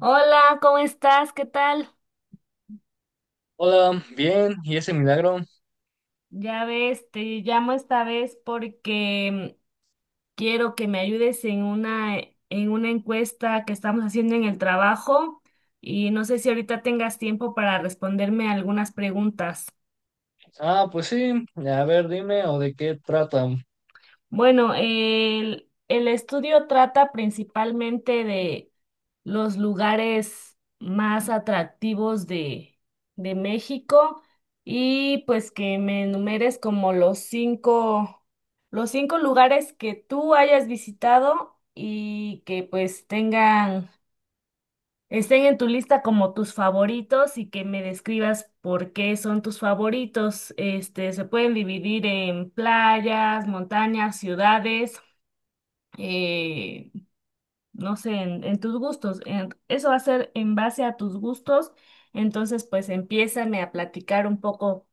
Hola, ¿cómo estás? ¿Qué tal? Hola, bien, ¿y ese milagro? Ya ves, te llamo esta vez porque quiero que me ayudes en una encuesta que estamos haciendo en el trabajo y no sé si ahorita tengas tiempo para responderme algunas preguntas. Ah, pues sí, a ver, dime, ¿o de qué tratan? Bueno, el estudio trata principalmente de los lugares más atractivos de México y pues que me enumeres como los cinco lugares que tú hayas visitado y que pues tengan, estén en tu lista como tus favoritos y que me describas por qué son tus favoritos. Este, se pueden dividir en playas, montañas, ciudades eh, no sé, en tus gustos. Eso va a ser en base a tus gustos. Entonces, pues empiézame a platicar un poco.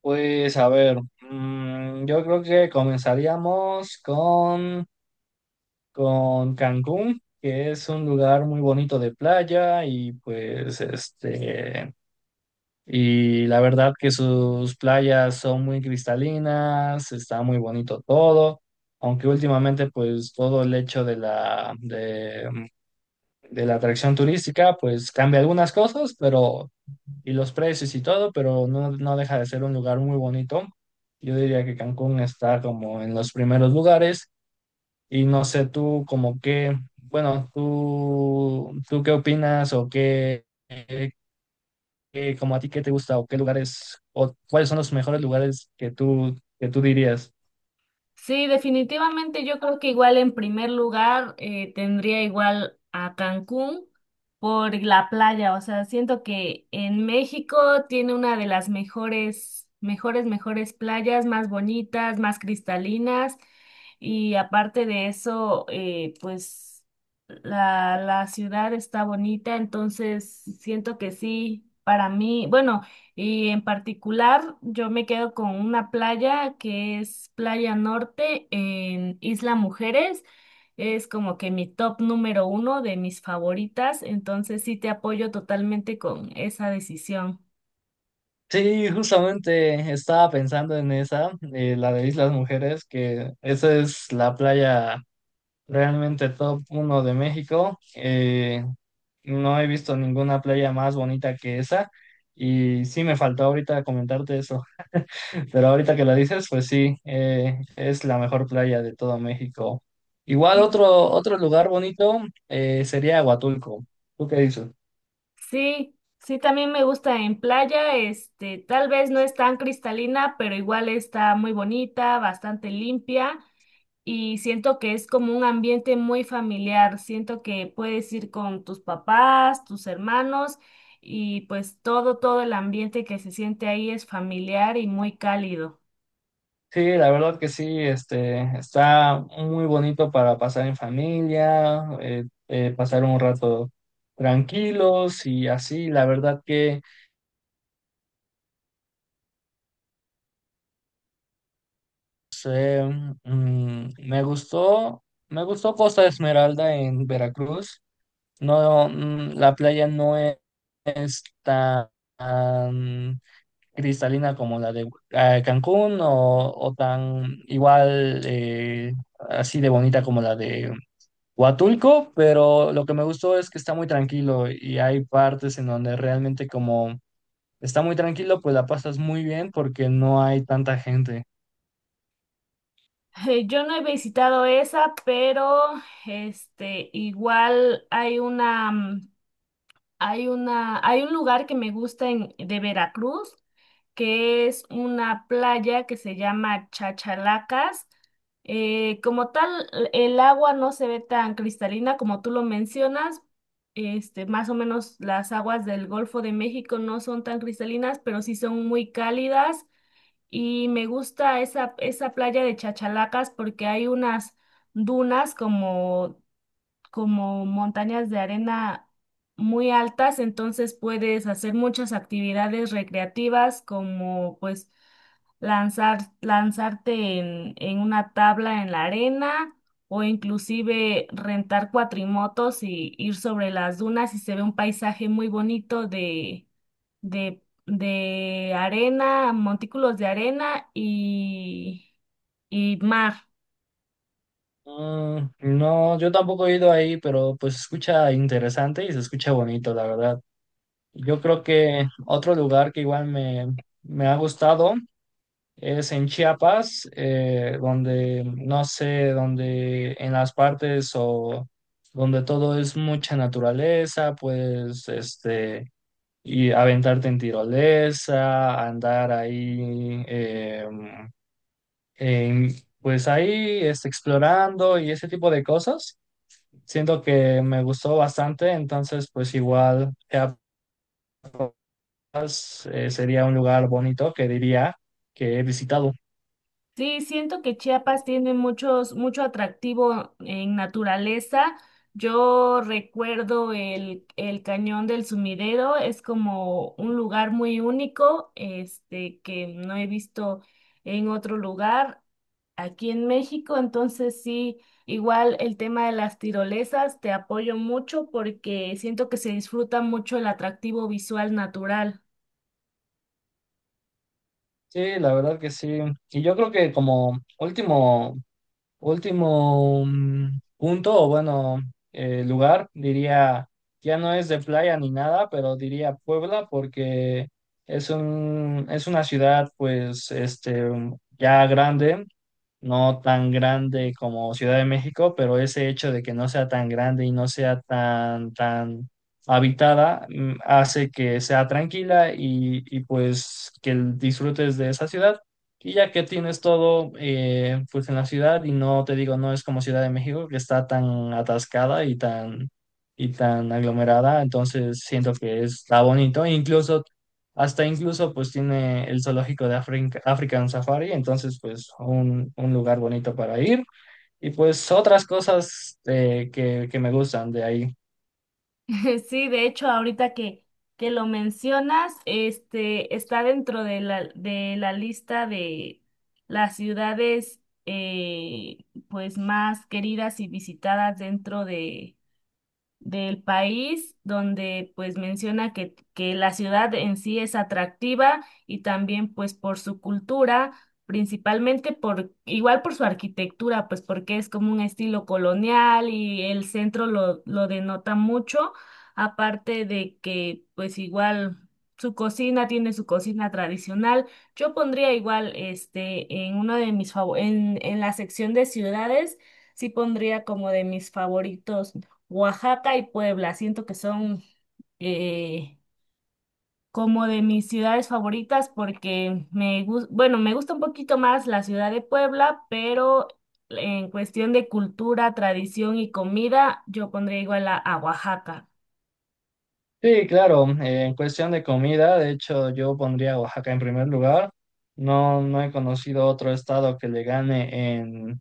Pues a ver, yo creo que comenzaríamos con Cancún, que es un lugar muy bonito de playa y la verdad que sus playas son muy cristalinas, está muy bonito todo, aunque últimamente pues todo el hecho de la atracción turística, pues cambia algunas cosas, pero y los precios y todo, pero no, no deja de ser un lugar muy bonito. Yo diría que Cancún está como en los primeros lugares y no sé tú como qué, bueno, tú qué opinas o como a ti qué te gusta o qué lugares o cuáles son los mejores lugares que tú dirías. Sí, definitivamente yo creo que igual en primer lugar tendría igual a Cancún por la playa, o sea, siento que en México tiene una de las mejores, mejores, mejores playas, más bonitas, más cristalinas y aparte de eso, pues la ciudad está bonita, entonces siento que sí, para mí, bueno. Y en particular, yo me quedo con una playa que es Playa Norte en Isla Mujeres. Es como que mi top número uno de mis favoritas, entonces sí te apoyo totalmente con esa decisión. Sí, justamente estaba pensando en esa, la de Islas Mujeres, que esa es la playa realmente top uno de México. No he visto ninguna playa más bonita que esa. Y sí me faltó ahorita comentarte eso. Pero ahorita que lo dices, pues sí, es la mejor playa de todo México. Igual otro lugar bonito, sería Huatulco. ¿Tú qué dices? Sí, sí, también me gusta en playa, este, tal vez no es tan cristalina, pero igual está muy bonita, bastante limpia. Y siento que es como un ambiente muy familiar. Siento que puedes ir con tus papás, tus hermanos y pues todo, todo el ambiente que se siente ahí es familiar y muy cálido. Sí, la verdad que sí, está muy bonito para pasar en familia, pasar un rato tranquilos y así, la verdad que sí, me gustó Costa Esmeralda en Veracruz. No, la playa no e- es tan cristalina como la de Cancún , o tan igual, así de bonita como la de Huatulco, pero lo que me gustó es que está muy tranquilo y hay partes en donde realmente como está muy tranquilo, pues la pasas muy bien porque no hay tanta gente. Yo no he visitado esa, pero este igual hay una hay una, hay un lugar que me gusta en, de Veracruz, que es una playa que se llama Chachalacas. Como tal, el agua no se ve tan cristalina como tú lo mencionas. Este, más o menos las aguas del Golfo de México no son tan cristalinas, pero sí son muy cálidas. Y me gusta esa, esa playa de Chachalacas porque hay unas dunas como como montañas de arena muy altas, entonces puedes hacer muchas actividades recreativas como pues lanzar, lanzarte en una tabla en la arena o inclusive rentar cuatrimotos y ir sobre las dunas y se ve un paisaje muy bonito de arena, montículos de arena y mar. No, yo tampoco he ido ahí, pero pues se escucha interesante y se escucha bonito, la verdad. Yo creo que otro lugar que igual me ha gustado es en Chiapas, donde, no sé, donde en las partes o donde todo es mucha naturaleza, pues, y aventarte en tirolesa, andar ahí, en- pues ahí, explorando y ese tipo de cosas. Siento que me gustó bastante, entonces pues igual Chiapas, sería un lugar bonito que diría que he visitado. Sí, siento que Chiapas tiene muchos, mucho atractivo en naturaleza. Yo recuerdo el Cañón del Sumidero, es como un lugar muy único, este, que no he visto en otro lugar aquí en México. Entonces sí, igual el tema de las tirolesas, te apoyo mucho porque siento que se disfruta mucho el atractivo visual natural. Sí, la verdad que sí. Y yo creo que como último punto, o bueno, lugar, diría, ya no es de playa ni nada, pero diría Puebla porque es una ciudad pues ya grande, no tan grande como Ciudad de México, pero ese hecho de que no sea tan grande y no sea tan habitada, hace que sea tranquila y pues que disfrutes de esa ciudad. Y ya que tienes todo, pues en la ciudad y no te digo, no es como Ciudad de México que está tan atascada y tan aglomerada, entonces siento que está bonito, incluso hasta incluso pues tiene el zoológico de African Safari, entonces pues un lugar bonito para ir y pues otras cosas, que me gustan de ahí. Sí, de hecho, ahorita que lo mencionas, este está dentro de la lista de las ciudades eh, pues más queridas y visitadas dentro de del país, donde pues menciona que la ciudad en sí es atractiva y también pues por su cultura, principalmente por, igual por su arquitectura, pues porque es como un estilo colonial y el centro lo denota mucho, aparte de que pues igual su cocina tiene su cocina tradicional. Yo pondría igual este en uno de mis favor en la sección de ciudades, sí pondría como de mis favoritos. Oaxaca y Puebla. Siento que son eh, como de mis ciudades favoritas porque me gusta, bueno, me gusta un poquito más la ciudad de Puebla, pero en cuestión de cultura, tradición y comida, yo pondría igual a Oaxaca. Sí, claro, en cuestión de comida, de hecho yo pondría a Oaxaca en primer lugar. No, no he conocido otro estado que le gane en,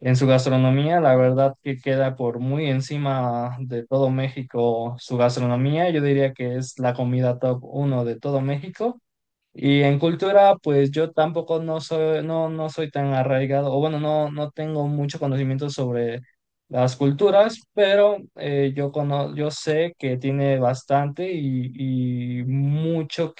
en su gastronomía. La verdad que queda por muy encima de todo México su gastronomía. Yo diría que es la comida top uno de todo México. Y en cultura, pues yo tampoco no, no soy tan arraigado, o bueno, no, no tengo mucho conocimiento sobre las culturas, pero yo sé que tiene bastante y mucho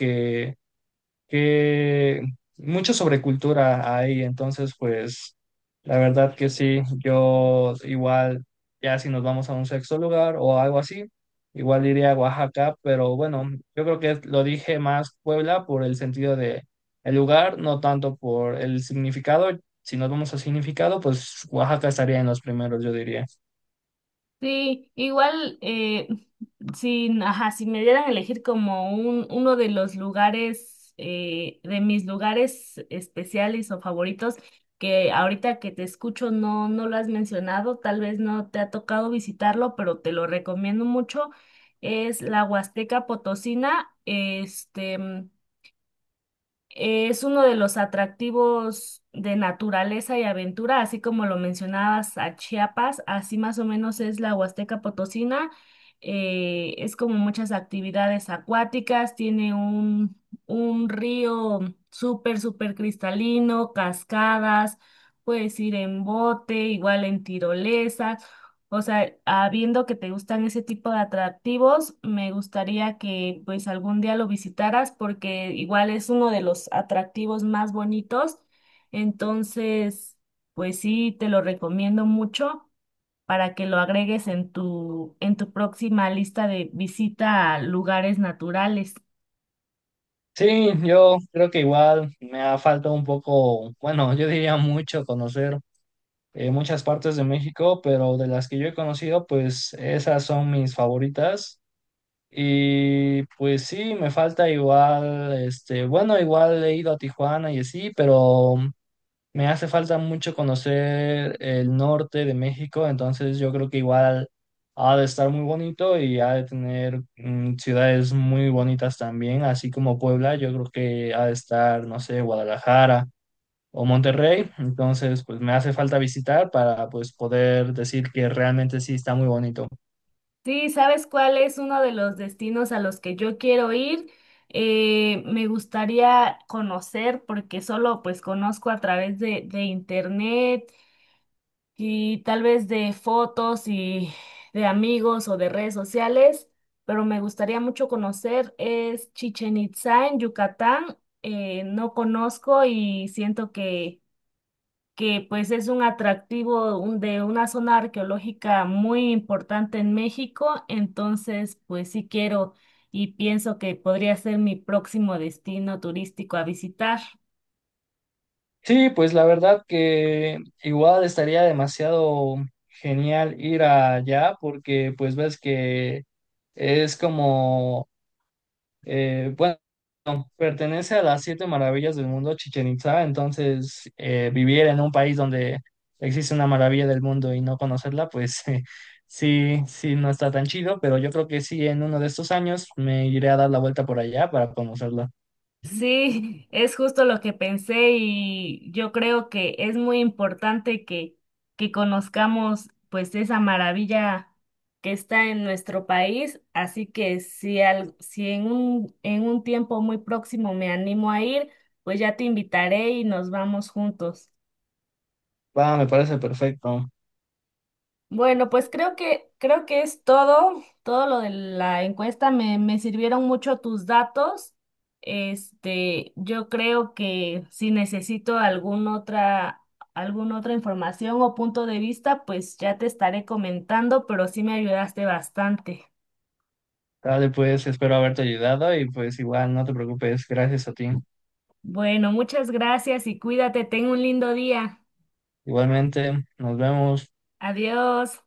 que mucha sobrecultura hay, entonces pues la verdad que sí, yo igual ya si nos vamos a un sexto lugar o algo así, igual iría a Oaxaca, pero bueno, yo creo que lo dije más Puebla por el sentido de el lugar, no tanto por el significado. Si nos vamos al significado, pues Oaxaca estaría en los primeros, yo diría. Sí, igual, si, ajá, si me dieran a elegir como un, uno de los lugares, de mis lugares especiales o favoritos, que ahorita que te escucho no, no lo has mencionado, tal vez no te ha tocado visitarlo, pero te lo recomiendo mucho, es la Huasteca Potosina. Este, es uno de los atractivos de naturaleza y aventura, así como lo mencionabas a Chiapas, así más o menos es la Huasteca Potosina. Es como muchas actividades acuáticas, tiene un río súper, súper cristalino, cascadas, puedes ir en bote, igual en tirolesa. O sea, habiendo que te gustan ese tipo de atractivos, me gustaría que pues algún día lo visitaras porque igual es uno de los atractivos más bonitos. Entonces, pues sí, te lo recomiendo mucho para que lo agregues en tu próxima lista de visita a lugares naturales. Sí, yo creo que igual me ha faltado un poco, bueno, yo diría mucho conocer en muchas partes de México, pero de las que yo he conocido, pues esas son mis favoritas. Y pues sí, me falta igual, bueno, igual he ido a Tijuana y así, pero me hace falta mucho conocer el norte de México, entonces yo creo que igual ha de estar muy bonito y ha de tener, ciudades muy bonitas también, así como Puebla, yo creo que ha de estar, no sé, Guadalajara o Monterrey, entonces pues me hace falta visitar para pues poder decir que realmente sí está muy bonito. Sí, ¿sabes cuál es uno de los destinos a los que yo quiero ir? Me gustaría conocer porque solo pues conozco a través de internet y tal vez de fotos y de amigos o de redes sociales, pero me gustaría mucho conocer es Chichen Itzá en Yucatán. No conozco y siento que pues es un atractivo de una zona arqueológica muy importante en México, entonces pues sí quiero y pienso que podría ser mi próximo destino turístico a visitar. Sí, pues la verdad que igual estaría demasiado genial ir allá porque pues ves que es como, bueno, pertenece a las siete maravillas del mundo, Chichen Itza, entonces vivir en un país donde existe una maravilla del mundo y no conocerla, pues sí, sí, no está tan chido, pero yo creo que sí, en uno de estos años me iré a dar la vuelta por allá para conocerla. Sí, es justo lo que pensé y yo creo que es muy importante que conozcamos pues esa maravilla que está en nuestro país, así que si, al, si en un, en un tiempo muy próximo me animo a ir, pues ya te invitaré y nos vamos juntos. Va, me parece perfecto. Bueno, pues creo que es todo, todo lo de la encuesta. Me sirvieron mucho tus datos. Este, yo creo que si necesito alguna otra información o punto de vista, pues ya te estaré comentando, pero sí me ayudaste bastante. Dale, pues espero haberte ayudado y pues igual no te preocupes, gracias a ti. Bueno, muchas gracias y cuídate. Ten un lindo día. Igualmente, nos vemos. Adiós.